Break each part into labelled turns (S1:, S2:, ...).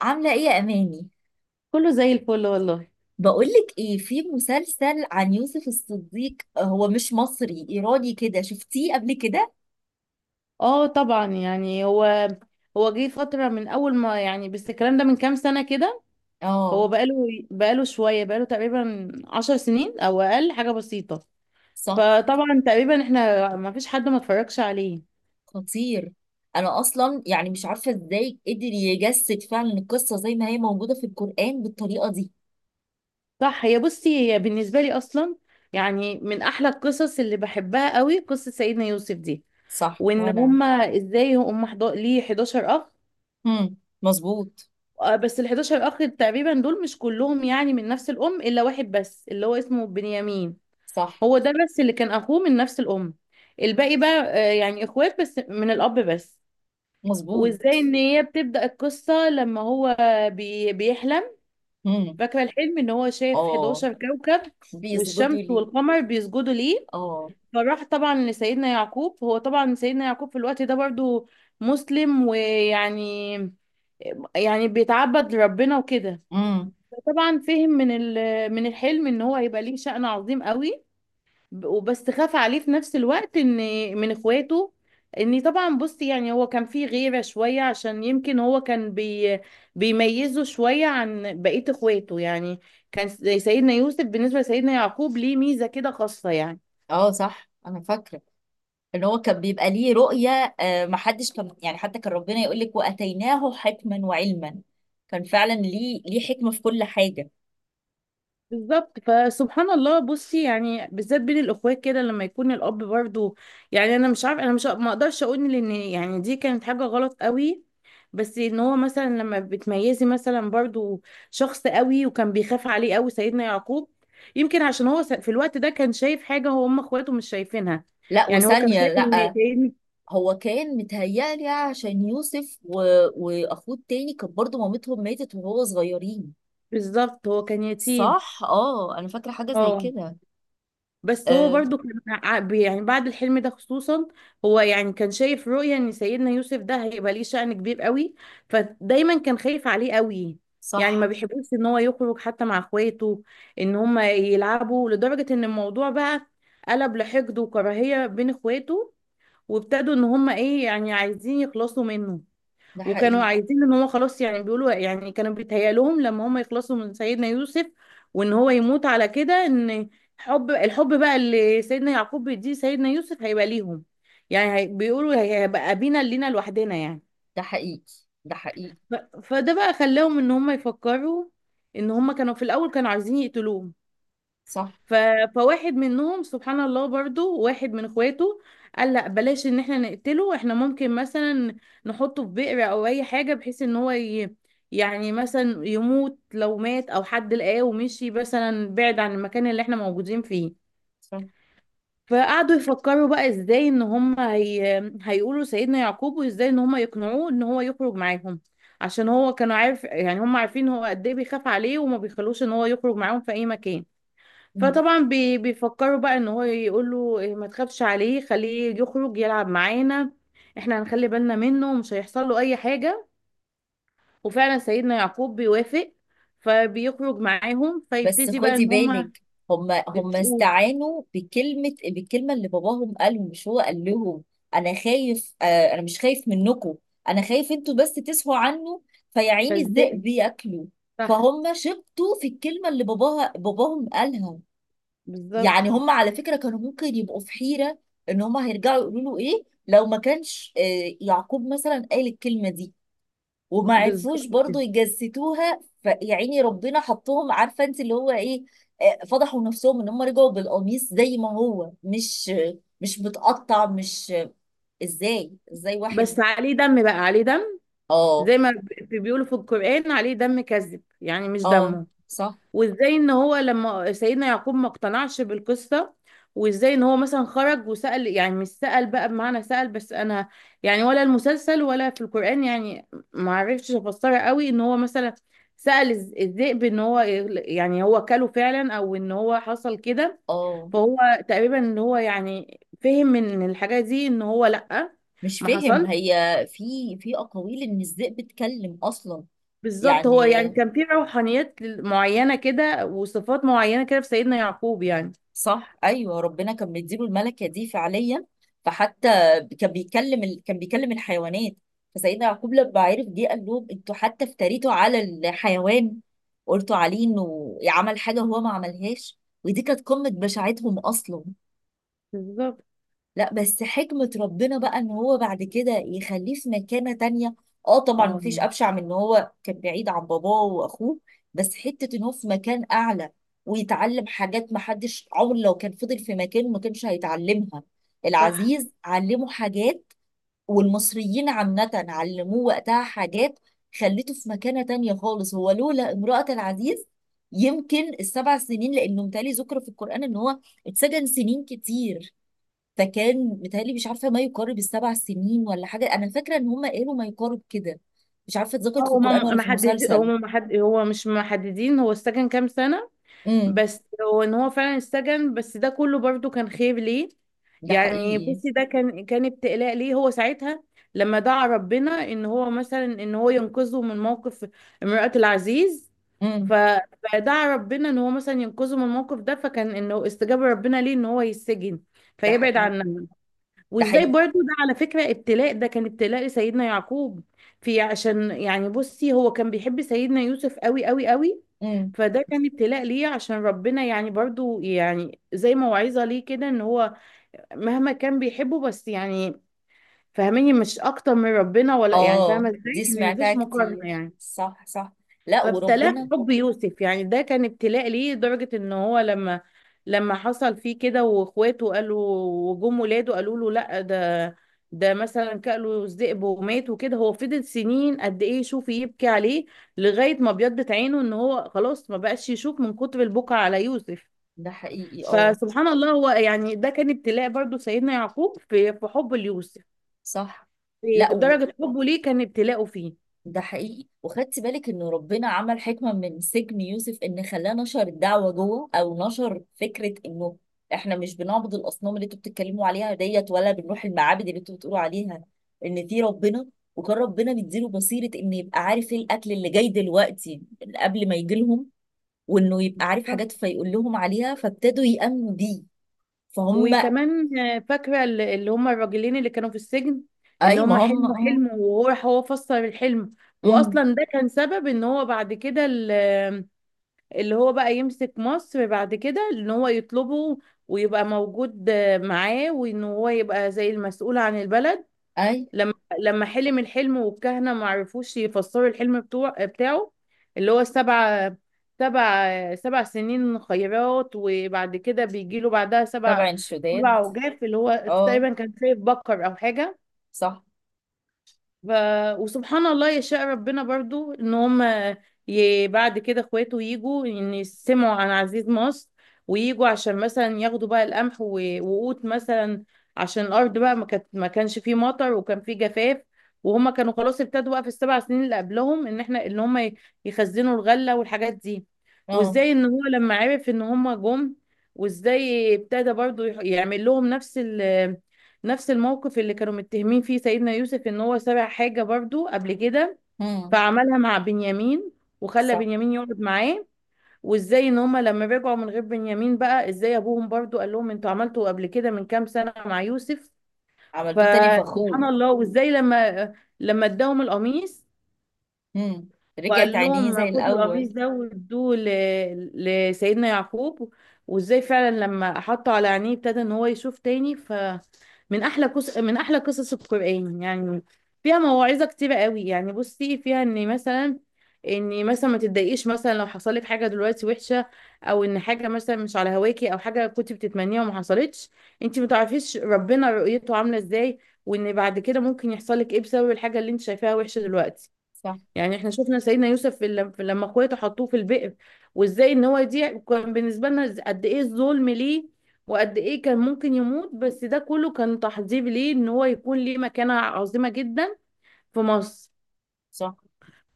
S1: عاملة ايه يا اماني؟
S2: كله زي الفل والله.
S1: بقولك ايه، في مسلسل عن يوسف الصديق. هو مش مصري، ايراني كده. شفتيه قبل كده؟
S2: اه، طبعا، يعني هو جه فترة من أول ما، يعني بس الكلام ده من كام سنة كده.
S1: اه.
S2: هو بقاله شوية، بقاله تقريبا عشر سنين أو أقل، حاجة بسيطة.
S1: صح.
S2: فطبعا تقريبا احنا ما فيش حد ما اتفرجش عليه.
S1: خطير. انا اصلا يعني مش عارفة ازاي قدر يجسد فعلا القصة زي ما هي موجودة في القرآن بالطريقة دي.
S2: صح. هي بصي، هي بالنسبة لي أصلا يعني من أحلى القصص اللي بحبها قوي قصة سيدنا يوسف دي.
S1: صح
S2: وإن
S1: وانا.
S2: هما إزاي هما ليه 11 أخ.
S1: هم. مظبوط.
S2: بس ال 11 اخ تقريبا دول مش كلهم يعني من نفس الام، الا واحد بس اللي هو اسمه بنيامين.
S1: صح.
S2: هو ده بس اللي كان اخوه من نفس الام. الباقي بقى يعني اخوات بس من الاب بس.
S1: مظبوط.
S2: وازاي ان هي بتبدأ القصة لما هو بيحلم.
S1: هم.
S2: فاكرة الحلم ان هو شايف
S1: اه،
S2: 11 كوكب والشمس
S1: بيسجدوا لي.
S2: والقمر بيسجدوا ليه.
S1: اه.
S2: فراح طبعا لسيدنا يعقوب. هو طبعا سيدنا يعقوب في الوقت ده برضو مسلم، ويعني يعني بيتعبد لربنا وكده.
S1: امم.
S2: طبعا فهم من من الحلم ان هو هيبقى ليه شأن عظيم قوي. وبس خاف عليه في نفس الوقت ان من اخواته. ان طبعا بصي، يعني هو كان فيه غيرة شوية عشان يمكن هو كان بيميزه شوية عن بقية اخواته يعني. كان سيدنا يوسف بالنسبة لسيدنا يعقوب ليه ميزة كده خاصة يعني.
S1: اه صح، انا فاكرة ان هو كان بيبقى ليه رؤية، محدش كان يعني، حتى كان ربنا يقول لك واتيناه حكما وعلما. كان فعلا ليه حكمة في كل حاجة.
S2: بالظبط. فسبحان الله، بصي يعني بالذات بين الاخوات كده لما يكون الاب برضو، يعني انا مش عارفه، انا مش، ما اقدرش اقول لان يعني دي كانت حاجه غلط قوي. بس ان هو مثلا لما بتميزي مثلا برضو شخص قوي، وكان بيخاف عليه قوي سيدنا يعقوب. يمكن عشان هو في الوقت ده كان شايف حاجه هو، هم اخواته مش شايفينها.
S1: لا
S2: يعني هو كان
S1: وثانية
S2: شايف
S1: لا.
S2: ان،
S1: هو كان متهيألي عشان يوسف واخوه التاني كان برضه مامتهم ماتت وهو صغيرين.
S2: بالظبط هو كان يتيم.
S1: صح اه، انا فاكرة حاجة زي
S2: اه.
S1: كده.
S2: بس هو
S1: آه.
S2: برضو كان يعني بعد الحلم ده خصوصا هو يعني كان شايف رؤية ان سيدنا يوسف ده هيبقى ليه شأن كبير قوي. فدايما كان خايف عليه قوي. يعني ما
S1: صح.
S2: بيحبوش ان هو يخرج حتى مع اخواته ان هم يلعبوا، لدرجة ان الموضوع بقى قلب لحقد وكراهية بين اخواته. وابتدوا ان هم ايه، يعني عايزين يخلصوا منه.
S1: ده
S2: وكانوا
S1: حقيقي.
S2: عايزين ان هو خلاص، يعني بيقولوا، يعني كانوا بيتهيألهم لما هم يخلصوا من سيدنا يوسف وان هو يموت على كده، ان الحب بقى اللي سيدنا يعقوب بيديه سيدنا يوسف هيبقى ليهم. يعني بيقولوا هيبقى أبينا لينا لوحدنا يعني.
S1: ده حقيقي. ده حقيقي.
S2: فده بقى خلاهم ان هم يفكروا ان هم كانوا في الاول كانوا عايزين يقتلوه.
S1: صح.
S2: ف... فواحد منهم سبحان الله، برضو واحد من اخواته قال لا بلاش ان احنا نقتله. احنا ممكن مثلا نحطه في بئر او اي حاجة بحيث ان هو يعني مثلا يموت لو مات، او حد لقاه ومشي مثلا بعيد عن المكان اللي احنا موجودين فيه.
S1: صح.
S2: فقعدوا يفكروا بقى ازاي ان هم هيقولوا سيدنا يعقوب، وازاي ان هم يقنعوه ان هو يخرج معاهم، عشان هو كانوا عارف، يعني هم عارفين هو قد ايه بيخاف عليه وما بيخلوش ان هو يخرج معاهم في اي مكان. فطبعا بيفكروا بقى ان هو يقول له إيه، ما تخافش عليه، خليه يخرج يلعب معانا، احنا هنخلي بالنا منه ومش هيحصل له اي حاجة. وفعلا سيدنا يعقوب بيوافق. فبيخرج معاهم،
S1: بس
S2: فيبتدي بقى
S1: خدي
S2: ان هما
S1: بالك، هم
S2: يتقول.
S1: استعانوا بالكلمة اللي باباهم قالهم، مش هو قال لهم أنا خايف. أنا مش خايف منكم، أنا خايف أنتوا بس تسهوا عنه، فيا عيني الذئب
S2: فازاي،
S1: بياكلوا.
S2: صح،
S1: فهم شبطوا في الكلمة اللي باباهم قالها.
S2: بالظبط
S1: يعني هم على فكرة كانوا ممكن يبقوا في حيرة إن هم هيرجعوا يقولوا له إيه لو ما كانش يعقوب مثلا قال الكلمة دي. وما عرفوش
S2: بالظبط
S1: برضو
S2: كده.
S1: يجسدوها، فيا عيني ربنا حطهم، عارفه انت اللي هو ايه. فضحوا نفسهم ان هم رجعوا بالقميص زي ما هو، مش متقطع، مش ازاي،
S2: بس
S1: واحد.
S2: عليه دم بقى، عليه دم،
S1: اه.
S2: زي ما بيقولوا في القرآن عليه دم كذب يعني مش
S1: اه.
S2: دمه.
S1: صح.
S2: وازاي ان هو لما سيدنا يعقوب ما اقتنعش بالقصة، وازاي ان هو مثلا خرج وسأل، يعني مش سأل بقى بمعنى سأل، بس انا يعني، ولا المسلسل ولا في القرآن يعني ما عرفتش افسرها قوي، ان هو مثلا سأل الذئب ان هو يعني هو كله فعلا او ان هو حصل كده.
S1: اه،
S2: فهو تقريبا ان هو يعني فهم من الحاجة دي ان هو لأ
S1: مش
S2: ما
S1: فاهم
S2: حصل.
S1: هي. في اقاويل ان الذئب اتكلم اصلا.
S2: بالظبط. هو
S1: يعني
S2: يعني كان في روحانيات معينة كده وصفات معينة كده في سيدنا يعقوب يعني.
S1: صح، ايوه ربنا كان مديله الملكه دي فعليا. فحتى كان كان بيكلم الحيوانات. فسيدنا يعقوب لما عرف، جه قال لهم انتوا حتى افتريتوا على الحيوان، قلتوا عليه انه عمل حاجه هو ما عملهاش، ودي كانت قمه بشاعتهم اصلا.
S2: بالظبط.
S1: لا، بس حكمة ربنا بقى ان هو بعد كده يخليه في مكانة تانية. اه طبعا
S2: اه،
S1: مفيش ابشع من ان هو كان بعيد عن باباه واخوه، بس حتة ان هو في مكان اعلى ويتعلم حاجات محدش عمره، لو كان فضل في مكانه ما كانش هيتعلمها.
S2: صح.
S1: العزيز علمه حاجات، والمصريين عامة علموه وقتها حاجات، خليته في مكانة تانية خالص. هو لولا امرأة العزيز يمكن السبع سنين، لانه متهيألي ذكر في القرآن ان هو اتسجن سنين كتير. فكان متهيألي، مش عارفة، ما يقارب السبع سنين ولا حاجة. أنا فاكرة إن هم قالوا ما يقارب كده، مش عارفة اتذكرت في
S2: هو ما
S1: القرآن ولا في
S2: محدد،
S1: المسلسل.
S2: هو مش محددين هو السجن كام سنة.
S1: امم.
S2: بس هو ان هو فعلا السجن، بس ده كله برضو كان خير ليه.
S1: ده
S2: يعني
S1: حقيقي.
S2: بصي ده كان ابتلاء ليه هو ساعتها، لما دعا ربنا ان هو مثلا، ان هو ينقذه من موقف امرأة العزيز. ف-
S1: امم.
S2: فدعا ربنا ان هو مثلا ينقذه من الموقف ده، فكان انه استجاب ربنا ليه ان هو يسجن
S1: ده
S2: فيبعد
S1: حقيقي.
S2: عنها.
S1: ده
S2: وازاي
S1: حقيقي.
S2: برضو، ده على فكرة ابتلاء، ده كان ابتلاء لسيدنا يعقوب في، عشان يعني بصي هو كان بيحب سيدنا يوسف قوي قوي قوي.
S1: امم.
S2: فده كان ابتلاء ليه، عشان ربنا يعني برضو يعني زي موعظة ليه كده، ان هو مهما كان بيحبه، بس يعني فاهميني، مش اكتر من ربنا، ولا يعني
S1: اه
S2: فاهمة ازاي
S1: دي
S2: ان
S1: سمعتها
S2: مفيش مقارنة
S1: كتير،
S2: يعني.
S1: صح صح. لا
S2: فابتلاه
S1: وربنا.
S2: حب يوسف، يعني ده كان ابتلاء ليه لدرجة ان هو لما حصل فيه كده واخواته قالوا، وجم ولاده قالوا له لا، ده مثلا كأله الذئب ومات وكده، هو فضل سنين قد ايه يشوف، يبكي عليه لغاية ما بيضت عينه، ان هو خلاص ما بقاش يشوف من كتر البكا على يوسف.
S1: ده حقيقي. اه.
S2: فسبحان الله، هو يعني ده كان ابتلاء برضو سيدنا يعقوب في حب ليوسف،
S1: صح.
S2: في
S1: لا،
S2: درجة حبه ليه كان ابتلاءه فيه.
S1: ده حقيقي. وخدت بالك انه ربنا عمل حكمة من سجن يوسف، ان خلاه نشر الدعوة جوه، او نشر فكرة انه احنا مش بنعبد الاصنام اللي انتوا بتتكلموا عليها ديت، ولا بنروح المعابد اللي انتوا بتقولوا عليها، ان في ربنا. وكان ربنا مديله بصيرة انه يبقى عارف ايه الاكل اللي جاي دلوقتي قبل ما يجي لهم، وانه يبقى عارف حاجات فيقول لهم عليها، فابتدوا يأمنوا بيه. فهم.
S2: وكمان، فاكرة اللي هم الراجلين اللي كانوا في السجن، ان
S1: اي ما
S2: هم
S1: هم،
S2: حلموا
S1: اه.
S2: حلم، وهو راح هو فسر الحلم.
S1: امم.
S2: واصلا ده كان سبب ان هو بعد كده اللي هو بقى يمسك مصر بعد كده، ان هو يطلبه ويبقى موجود معاه، وان هو يبقى زي المسؤول عن البلد.
S1: اي.
S2: لما لما حلم الحلم، والكهنة ما عرفوش يفسروا الحلم بتاعه، اللي هو السبع، سبع سنين خيرات، وبعد كده بيجي له بعدها سبع
S1: تبع
S2: سبع
S1: الشداد.
S2: عجاف، اللي هو
S1: اه.
S2: تقريبا كان شايف بكر او حاجة.
S1: صح.
S2: ف... وسبحان الله يشاء ربنا برضو ان هم بعد كده اخواته يجوا ان يسمعوا عن عزيز مصر، ويجوا عشان مثلا ياخدوا بقى القمح وقوت مثلا، عشان الارض بقى ما كانش فيه مطر وكان فيه جفاف. وهم كانوا خلاص ابتدوا بقى في السبع سنين اللي قبلهم ان احنا، ان هم يخزنوا الغله والحاجات دي.
S1: اه.
S2: وازاي ان هو لما عرف ان هم جم، وازاي ابتدى برضو يعمل لهم نفس نفس الموقف اللي كانوا متهمين فيه سيدنا يوسف، ان هو سرق حاجة برضو قبل كده.
S1: امم.
S2: فعملها مع بنيامين، وخلى
S1: صح.
S2: بنيامين يقعد معاه. وازاي ان هما لما رجعوا من غير بنيامين بقى، ازاي ابوهم برضو قال لهم انتوا عملتوا قبل كده من كام سنة مع يوسف.
S1: عملتوه تاني
S2: فسبحان
S1: فخور.
S2: الله، وازاي لما اداهم القميص،
S1: امم. رجعت
S2: وقال
S1: عينيه
S2: لهم
S1: زي
S2: خدوا
S1: الأول.
S2: القميص ده وادوه لسيدنا يعقوب، وازاي فعلا لما حطه على عينيه ابتدى ان هو يشوف تاني. ف من احلى قصص القرآن يعني. فيها مواعظة كتيرة قوي يعني. بصي، فيها ان مثلا، ان مثلا ما تتضايقيش مثلا لو حصل لك حاجه دلوقتي وحشه، او ان حاجه مثلا مش على هواكي، او حاجه كنت بتتمنيها وما حصلتش. انت ما تعرفيش ربنا رؤيته عامله ازاي، وان بعد كده ممكن يحصل لك ايه بسبب الحاجه اللي انت شايفاها وحشه دلوقتي.
S1: صح.
S2: يعني احنا شفنا سيدنا يوسف في لما اخواته حطوه في البئر، وازاي ان هو يضيع كان بالنسبه لنا قد ايه الظلم ليه، وقد ايه كان ممكن يموت، بس ده كله كان تحضير ليه ان هو يكون ليه مكانه عظيمه جدا في مصر.
S1: صح.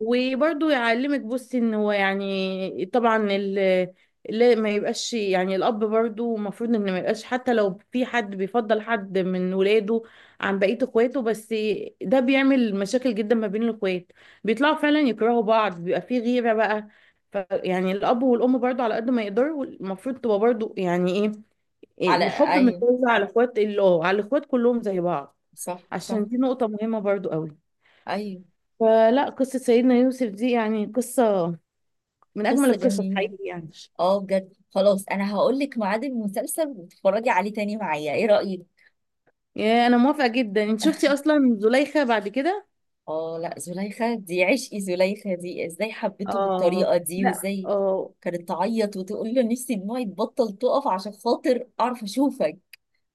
S2: وبرضه يعلمك بصي ان هو يعني طبعا لا ما يبقاش، يعني الاب برضه المفروض ان ما يبقاش حتى لو في حد بيفضل حد من ولاده عن بقيه اخواته، بس ده بيعمل مشاكل جدا ما بين الاخوات. بيطلعوا فعلا يكرهوا بعض، بيبقى في غيره بقى. ف يعني الاب والام برضه على قد ما يقدروا المفروض تبقى برضه يعني ايه،
S1: على
S2: الحب
S1: أيوه.
S2: متوزع على اخوات على الاخوات كلهم زي بعض،
S1: صح. صح.
S2: عشان دي نقطه مهمه برضه قوي.
S1: أيوه.
S2: فلا قصة سيدنا يوسف دي يعني قصة من أجمل
S1: قصة
S2: القصص
S1: جميلة.
S2: حقيقي يعني.
S1: اه بجد، خلاص أنا هقول لك ميعاد المسلسل وتتفرجي عليه تاني معايا، إيه رأيك؟
S2: يا، أنا موافقة جدا. أنت شفتي أصلا زليخة بعد كده؟
S1: اه لا، زليخة دي عشقي. زليخة دي ازاي حبيته
S2: آه.
S1: بالطريقة دي،
S2: لا،
S1: وازاي
S2: آه.
S1: كانت تعيط وتقول له نفسي دموعي تبطل تقف عشان خاطر أعرف أشوفك،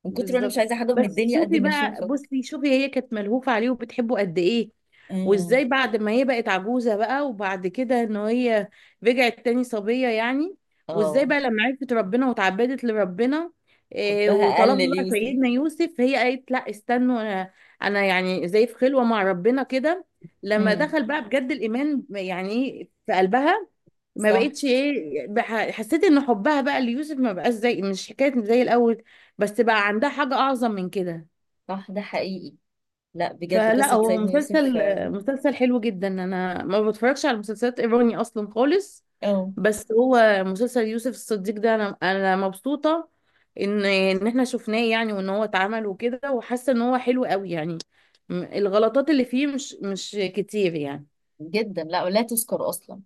S1: من كتر ما أنا مش
S2: بالظبط.
S1: عايزة حاجة من
S2: بس
S1: الدنيا قد
S2: شوفي
S1: إني
S2: بقى،
S1: أشوفك.
S2: بصي شوفي، هي كانت ملهوفة عليه وبتحبه قد ايه،
S1: امم.
S2: وازاي بعد ما هي بقت عجوزة بقى وبعد كده ان هي رجعت تاني صبية يعني، وازاي
S1: اه.
S2: بقى لما عرفت ربنا وتعبدت لربنا،
S1: حبها قل
S2: وطلبنا بقى
S1: ليوسف.
S2: سيدنا يوسف، هي قالت لا استنوا، انا يعني زي في خلوة مع ربنا كده. لما
S1: امم.
S2: دخل بقى بجد الايمان يعني في قلبها، ما
S1: صح.
S2: بقتش ايه حسيت ان حبها بقى ليوسف ما بقاش زي، مش حكايه زي الاول، بس بقى عندها حاجه اعظم من كده.
S1: صح ده حقيقي. لا بجد
S2: فلا
S1: قصة
S2: هو
S1: سيدنا يوسف،
S2: مسلسل
S1: آه.
S2: مسلسل حلو جدا، انا ما بتفرجش على مسلسلات ايراني اصلا خالص.
S1: اه
S2: بس هو مسلسل يوسف الصديق ده انا مبسوطه ان احنا شفناه يعني، وان هو اتعمل وكده، وحاسه ان هو حلو قوي يعني. الغلطات اللي فيه مش كتير يعني.
S1: جدا، لا ولا تذكر اصلا.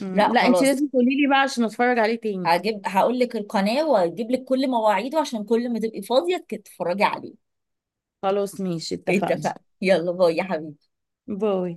S1: لا
S2: لا انت
S1: خلاص،
S2: لازم تقولي لي بقى عشان اتفرج عليه تاني.
S1: هجيب، هقول لك القناة وهجيب لك كل مواعيده عشان كل ما تبقي فاضية تتفرجي عليه.
S2: خلاص، ماشي، اتفقنا.
S1: اتفقنا، يلا باي يا حبيبي.
S2: باي.